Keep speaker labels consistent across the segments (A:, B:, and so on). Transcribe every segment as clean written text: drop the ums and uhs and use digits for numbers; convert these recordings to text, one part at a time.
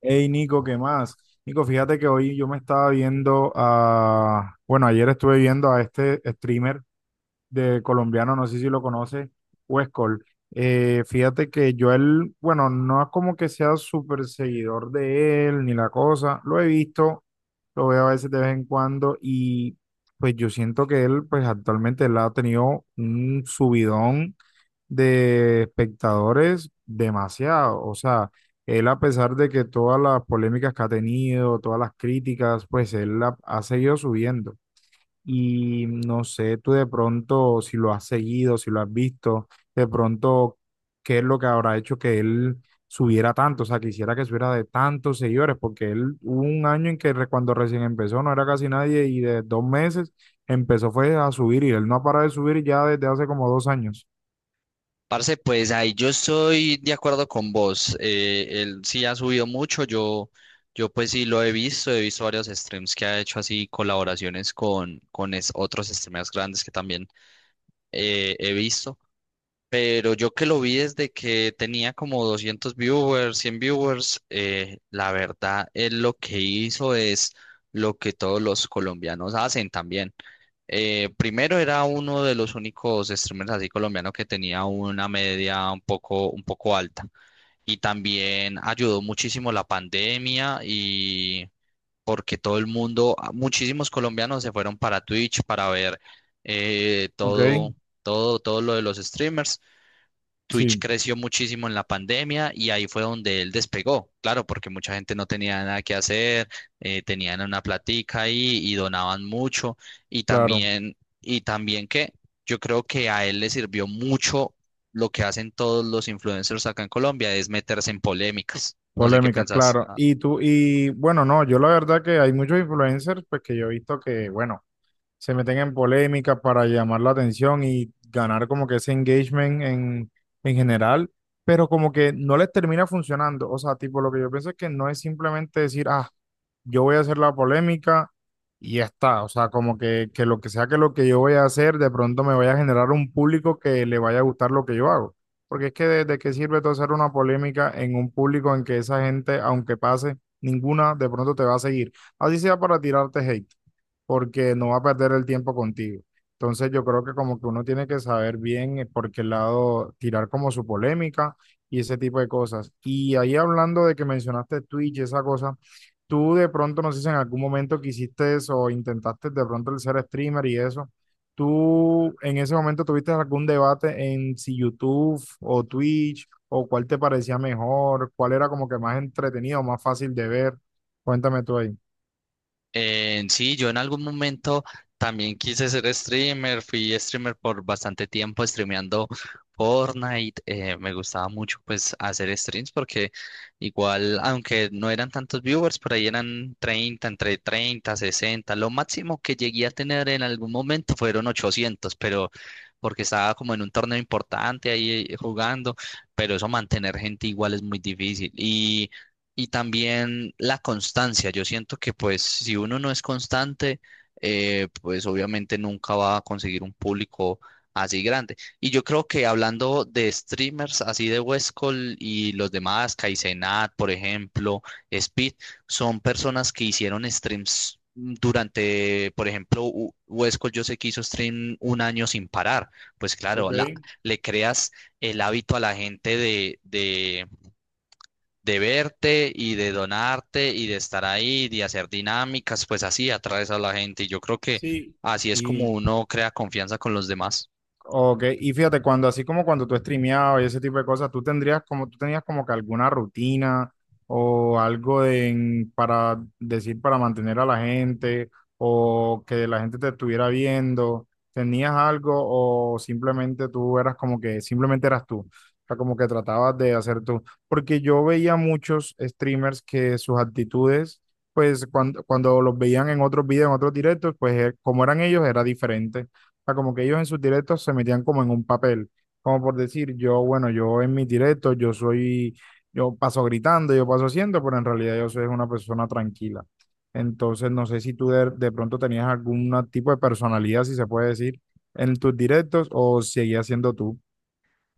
A: Hey Nico, ¿qué más? Nico, fíjate que hoy yo me estaba viendo a, bueno, ayer estuve viendo a este streamer de colombiano, no sé si lo conoce, Huescol. Fíjate que yo él, bueno, no es como que sea súper seguidor de él ni la cosa, lo he visto, lo veo a veces de vez en cuando y pues yo siento que él, pues actualmente él ha tenido un subidón de espectadores demasiado, o sea, él a pesar de que todas las polémicas que ha tenido, todas las críticas, pues él ha seguido subiendo. Y no sé, tú de pronto, si lo has seguido, si lo has visto, de pronto, ¿qué es lo que habrá hecho que él subiera tanto? O sea, quisiera que subiera de tantos seguidores, porque él hubo un año en que cuando recién empezó no era casi nadie y de dos meses empezó fue a subir y él no ha parado de subir ya desde hace como dos años.
B: Parce, pues ahí yo estoy de acuerdo con vos. Él sí ha subido mucho. Yo pues sí lo he visto. He visto varios streams que ha hecho así colaboraciones con otros streamers grandes que también he visto. Pero yo que lo vi desde que tenía como 200 viewers, 100 viewers, la verdad, él lo que hizo es lo que todos los colombianos hacen también. Primero era uno de los únicos streamers así colombianos que tenía una media un poco alta. Y también ayudó muchísimo la pandemia y porque todo el mundo, muchísimos colombianos se fueron para Twitch para ver eh,
A: Ok,
B: todo, todo lo de los streamers. Twitch
A: sí,
B: creció muchísimo en la pandemia y ahí fue donde él despegó, claro, porque mucha gente no tenía nada que hacer, tenían una platica ahí y donaban mucho y
A: claro.
B: también, y también que yo creo que a él le sirvió mucho lo que hacen todos los influencers acá en Colombia, es meterse en polémicas. No sé qué
A: Polémica,
B: pensás.
A: claro. Y tú, y bueno, no, yo la verdad que hay muchos influencers, pues que yo he visto que, bueno, se meten en polémicas para llamar la atención y ganar como que ese engagement en general, pero como que no les termina funcionando. O sea, tipo, lo que yo pienso es que no es simplemente decir, ah, yo voy a hacer la polémica y ya está. O sea, como que lo que sea que lo que yo voy a hacer, de pronto me vaya a generar un público que le vaya a gustar lo que yo hago. Porque es que de qué sirve todo hacer una polémica en un público en que esa gente, aunque pase, ninguna de pronto te va a seguir. Así sea para tirarte hate porque no va a perder el tiempo contigo. Entonces yo creo que como que uno tiene que saber bien por qué lado tirar como su polémica y ese tipo de cosas. Y ahí hablando de que mencionaste Twitch y esa cosa, tú de pronto, no sé si en algún momento quisiste eso o intentaste de pronto el ser streamer y eso, ¿tú en ese momento tuviste algún debate en si YouTube o Twitch o cuál te parecía mejor, cuál era como que más entretenido, más fácil de ver? Cuéntame tú ahí.
B: Sí, yo en algún momento también quise ser streamer, fui streamer por bastante tiempo streameando Fortnite, me gustaba mucho pues hacer streams porque igual, aunque no eran tantos viewers, por ahí eran 30, entre 30, 60, lo máximo que llegué a tener en algún momento fueron 800, pero porque estaba como en un torneo importante ahí jugando, pero eso mantener gente igual es muy difícil. Y también la constancia. Yo siento que pues si uno no es constante, pues obviamente nunca va a conseguir un público así grande. Y yo creo que hablando de streamers así de Westcol y los demás, Kaizenat, por ejemplo, Speed, son personas que hicieron streams durante, por ejemplo, Westcol yo sé que hizo stream un año sin parar. Pues claro,
A: Ok,
B: la, le creas el hábito a la gente de verte y de donarte y de estar ahí, de hacer dinámicas, pues así atraes a la gente. Y yo creo que
A: sí.
B: así es como
A: Y
B: uno crea confianza con los demás.
A: Ok, y fíjate, cuando así como cuando tú streameabas y ese tipo de cosas, tú tendrías como, tú tenías como que alguna rutina o para decir, para mantener a la gente o que la gente te estuviera viendo, ¿tenías algo o simplemente tú eras como que, simplemente eras tú? O sea, como que tratabas de hacer tú. Porque yo veía muchos streamers que sus actitudes, pues cuando los veían en otros videos, en otros directos, pues como eran ellos, era diferente, sea, como que ellos en sus directos se metían como en un papel, como por decir, yo, bueno, yo en mis directos, yo soy, yo paso gritando, yo paso haciendo, pero en realidad yo soy una persona tranquila. Entonces, no sé si tú de pronto tenías algún tipo de personalidad, si se puede decir, en tus directos o seguías siendo tú.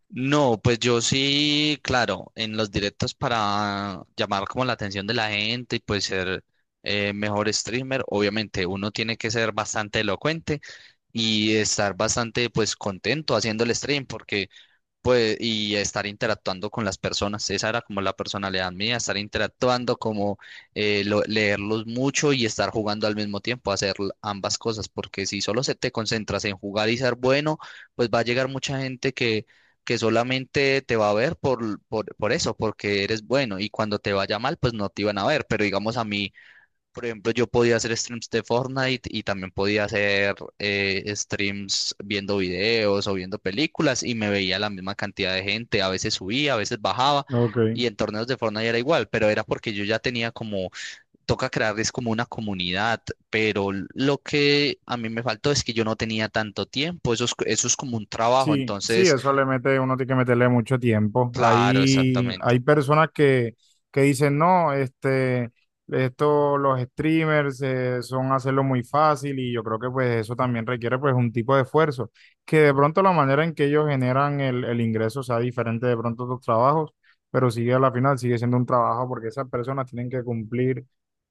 B: No, pues yo sí, claro, en los directos para llamar como la atención de la gente y pues ser mejor streamer, obviamente uno tiene que ser bastante elocuente y estar bastante pues contento haciendo el stream porque pues, y estar interactuando con las personas. Esa era como la personalidad mía, estar interactuando, como leerlos mucho y estar jugando al mismo tiempo, hacer ambas cosas, porque si solo se te concentras en jugar y ser bueno, pues va a llegar mucha gente que solamente te va a ver por eso, porque eres bueno, y cuando te vaya mal, pues no te iban a ver. Pero digamos a mí por ejemplo, yo podía hacer streams de Fortnite y también podía hacer streams viendo videos o viendo películas y me veía la misma cantidad de gente. A veces subía, a veces bajaba
A: Ok.
B: y en torneos de Fortnite era igual, pero era porque yo ya tenía como, toca crearles como una comunidad, pero lo que a mí me faltó es que yo no tenía tanto tiempo. Eso es como un trabajo,
A: Sí, sí,
B: entonces,
A: eso le mete, uno tiene que meterle mucho tiempo.
B: claro, exactamente.
A: Hay personas que dicen, no, los streamers son hacerlo muy fácil y yo creo que pues eso también requiere pues un tipo de esfuerzo, que de pronto la manera en que ellos generan el ingreso sea diferente de pronto a tus trabajos, pero sigue a la final, sigue siendo un trabajo porque esas personas tienen que cumplir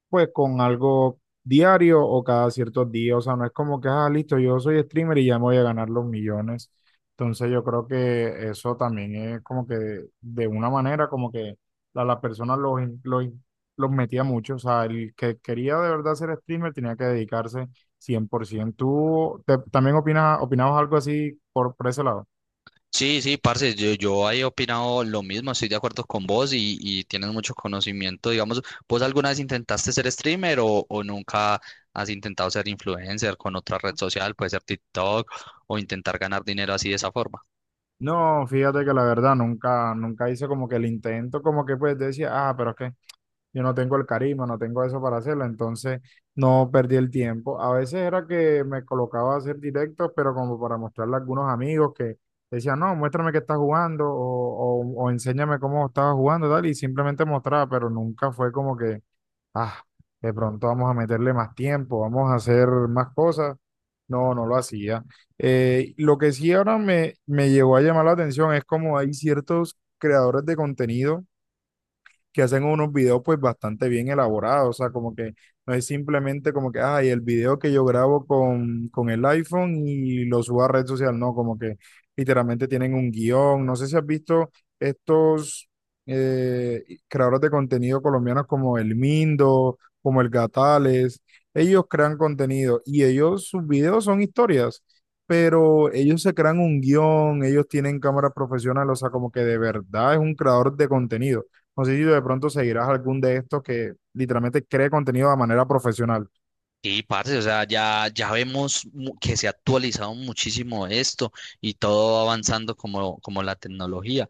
A: pues con algo diario o cada ciertos días. O sea, no es como que, ah, listo, yo soy streamer y ya me voy a ganar los millones. Entonces yo creo que eso también es como que de una manera como que a las personas los metía mucho. O sea, el que quería de verdad ser streamer tenía que dedicarse 100%. ¿Tú también opinas, opinabas algo así por ese lado?
B: Sí, sí, parce, yo he opinado lo mismo, estoy de acuerdo con vos y tienes mucho conocimiento, digamos, ¿vos alguna vez intentaste ser streamer o nunca has intentado ser influencer con otra red social, puede ser TikTok o intentar ganar dinero así de esa forma?
A: No, fíjate que la verdad nunca, nunca hice como que el intento, como que pues decía, ah, pero es que yo no tengo el carisma, no tengo eso para hacerlo, entonces no perdí el tiempo. A veces era que me colocaba a hacer directos, pero como para mostrarle a algunos amigos que decían, no, muéstrame que estás jugando o enséñame cómo estabas jugando, tal, y simplemente mostraba, pero nunca fue como que, ah, de pronto vamos a meterle más tiempo, vamos a hacer más cosas. No, no lo hacía. Lo que sí ahora me, me llegó a llamar la atención es como hay ciertos creadores de contenido que hacen unos videos pues bastante bien elaborados, o sea, como que no es simplemente como que, ay, el video que yo grabo con el iPhone y lo subo a red social, no, como que literalmente tienen un guión, no sé si has visto estos creadores de contenido colombianos como el Mindo, como el Gatales, ellos crean contenido y ellos, sus videos son historias pero ellos se crean un guión, ellos tienen cámaras profesionales, o sea, como que de verdad es un creador de contenido. No sé si de pronto seguirás algún de estos que literalmente cree contenido de manera profesional.
B: Sí, parce, o sea, ya vemos que se ha actualizado muchísimo esto y todo va avanzando como, como la tecnología.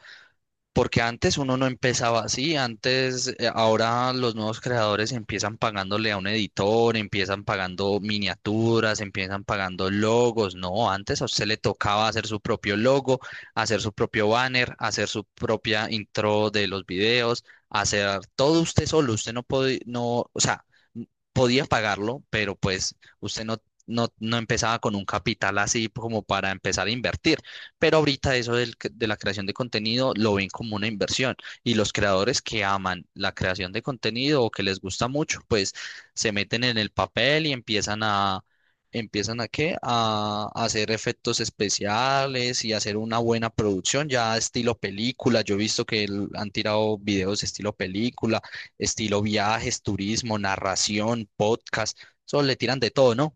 B: Porque antes uno no empezaba así, antes, ahora los nuevos creadores empiezan pagándole a un editor, empiezan pagando miniaturas, empiezan pagando logos. No, antes a usted le tocaba hacer su propio logo, hacer su propio banner, hacer su propia intro de los videos, hacer todo usted solo. Usted no podía, no, o sea, podía pagarlo, pero pues usted no empezaba con un capital así como para empezar a invertir. Pero ahorita eso del de la creación de contenido lo ven como una inversión y los creadores que aman la creación de contenido o que les gusta mucho, pues se meten en el papel y empiezan a, empiezan a qué? A hacer efectos especiales y hacer una buena producción ya estilo película. Yo he visto que han tirado videos estilo película, estilo viajes, turismo, narración, podcast, eso le tiran de todo, ¿no?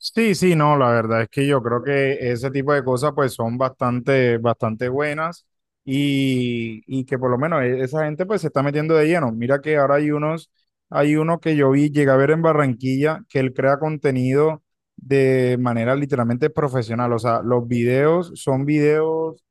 A: Sí, sí, no, la verdad es que yo creo que ese tipo de cosas pues son bastante, bastante buenas y que por lo menos esa gente pues se está metiendo de lleno. Mira que ahora hay unos, hay uno que yo vi, llegué a ver en Barranquilla, que él crea contenido de manera literalmente profesional. O sea, los videos son videos,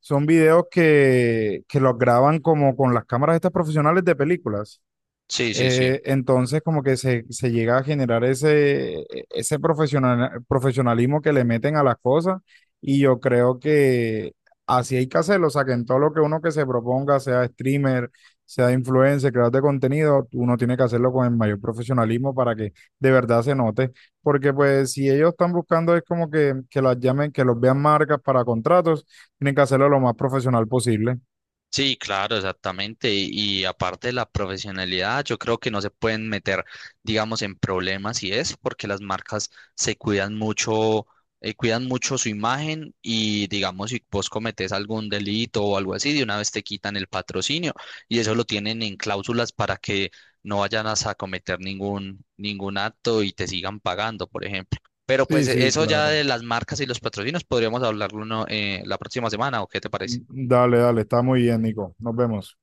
A: son videos que los graban como con las cámaras estas profesionales de películas.
B: Sí, sí, sí.
A: Entonces, como que se llega a generar ese profesionalismo que le meten a las cosas y yo creo que así hay que hacerlo, o sea, que en todo lo que uno que se proponga, sea streamer, sea influencer, creador de contenido, uno tiene que hacerlo con el mayor profesionalismo para que de verdad se note, porque pues si ellos están buscando es como que las llamen, que los vean marcas para contratos, tienen que hacerlo lo más profesional posible.
B: Sí, claro, exactamente. Y aparte de la profesionalidad, yo creo que no se pueden meter, digamos, en problemas y eso, porque las marcas se cuidan mucho su imagen y, digamos, si vos cometés algún delito o algo así, de una vez te quitan el patrocinio y eso lo tienen en cláusulas para que no vayan a cometer ningún acto y te sigan pagando, por ejemplo. Pero pues
A: Sí, sí,
B: eso ya
A: claro.
B: de las marcas y los patrocinios podríamos hablarlo uno la próxima semana, ¿o qué te parece?
A: Mm, dale, dale, está muy bien, Nico. Nos vemos.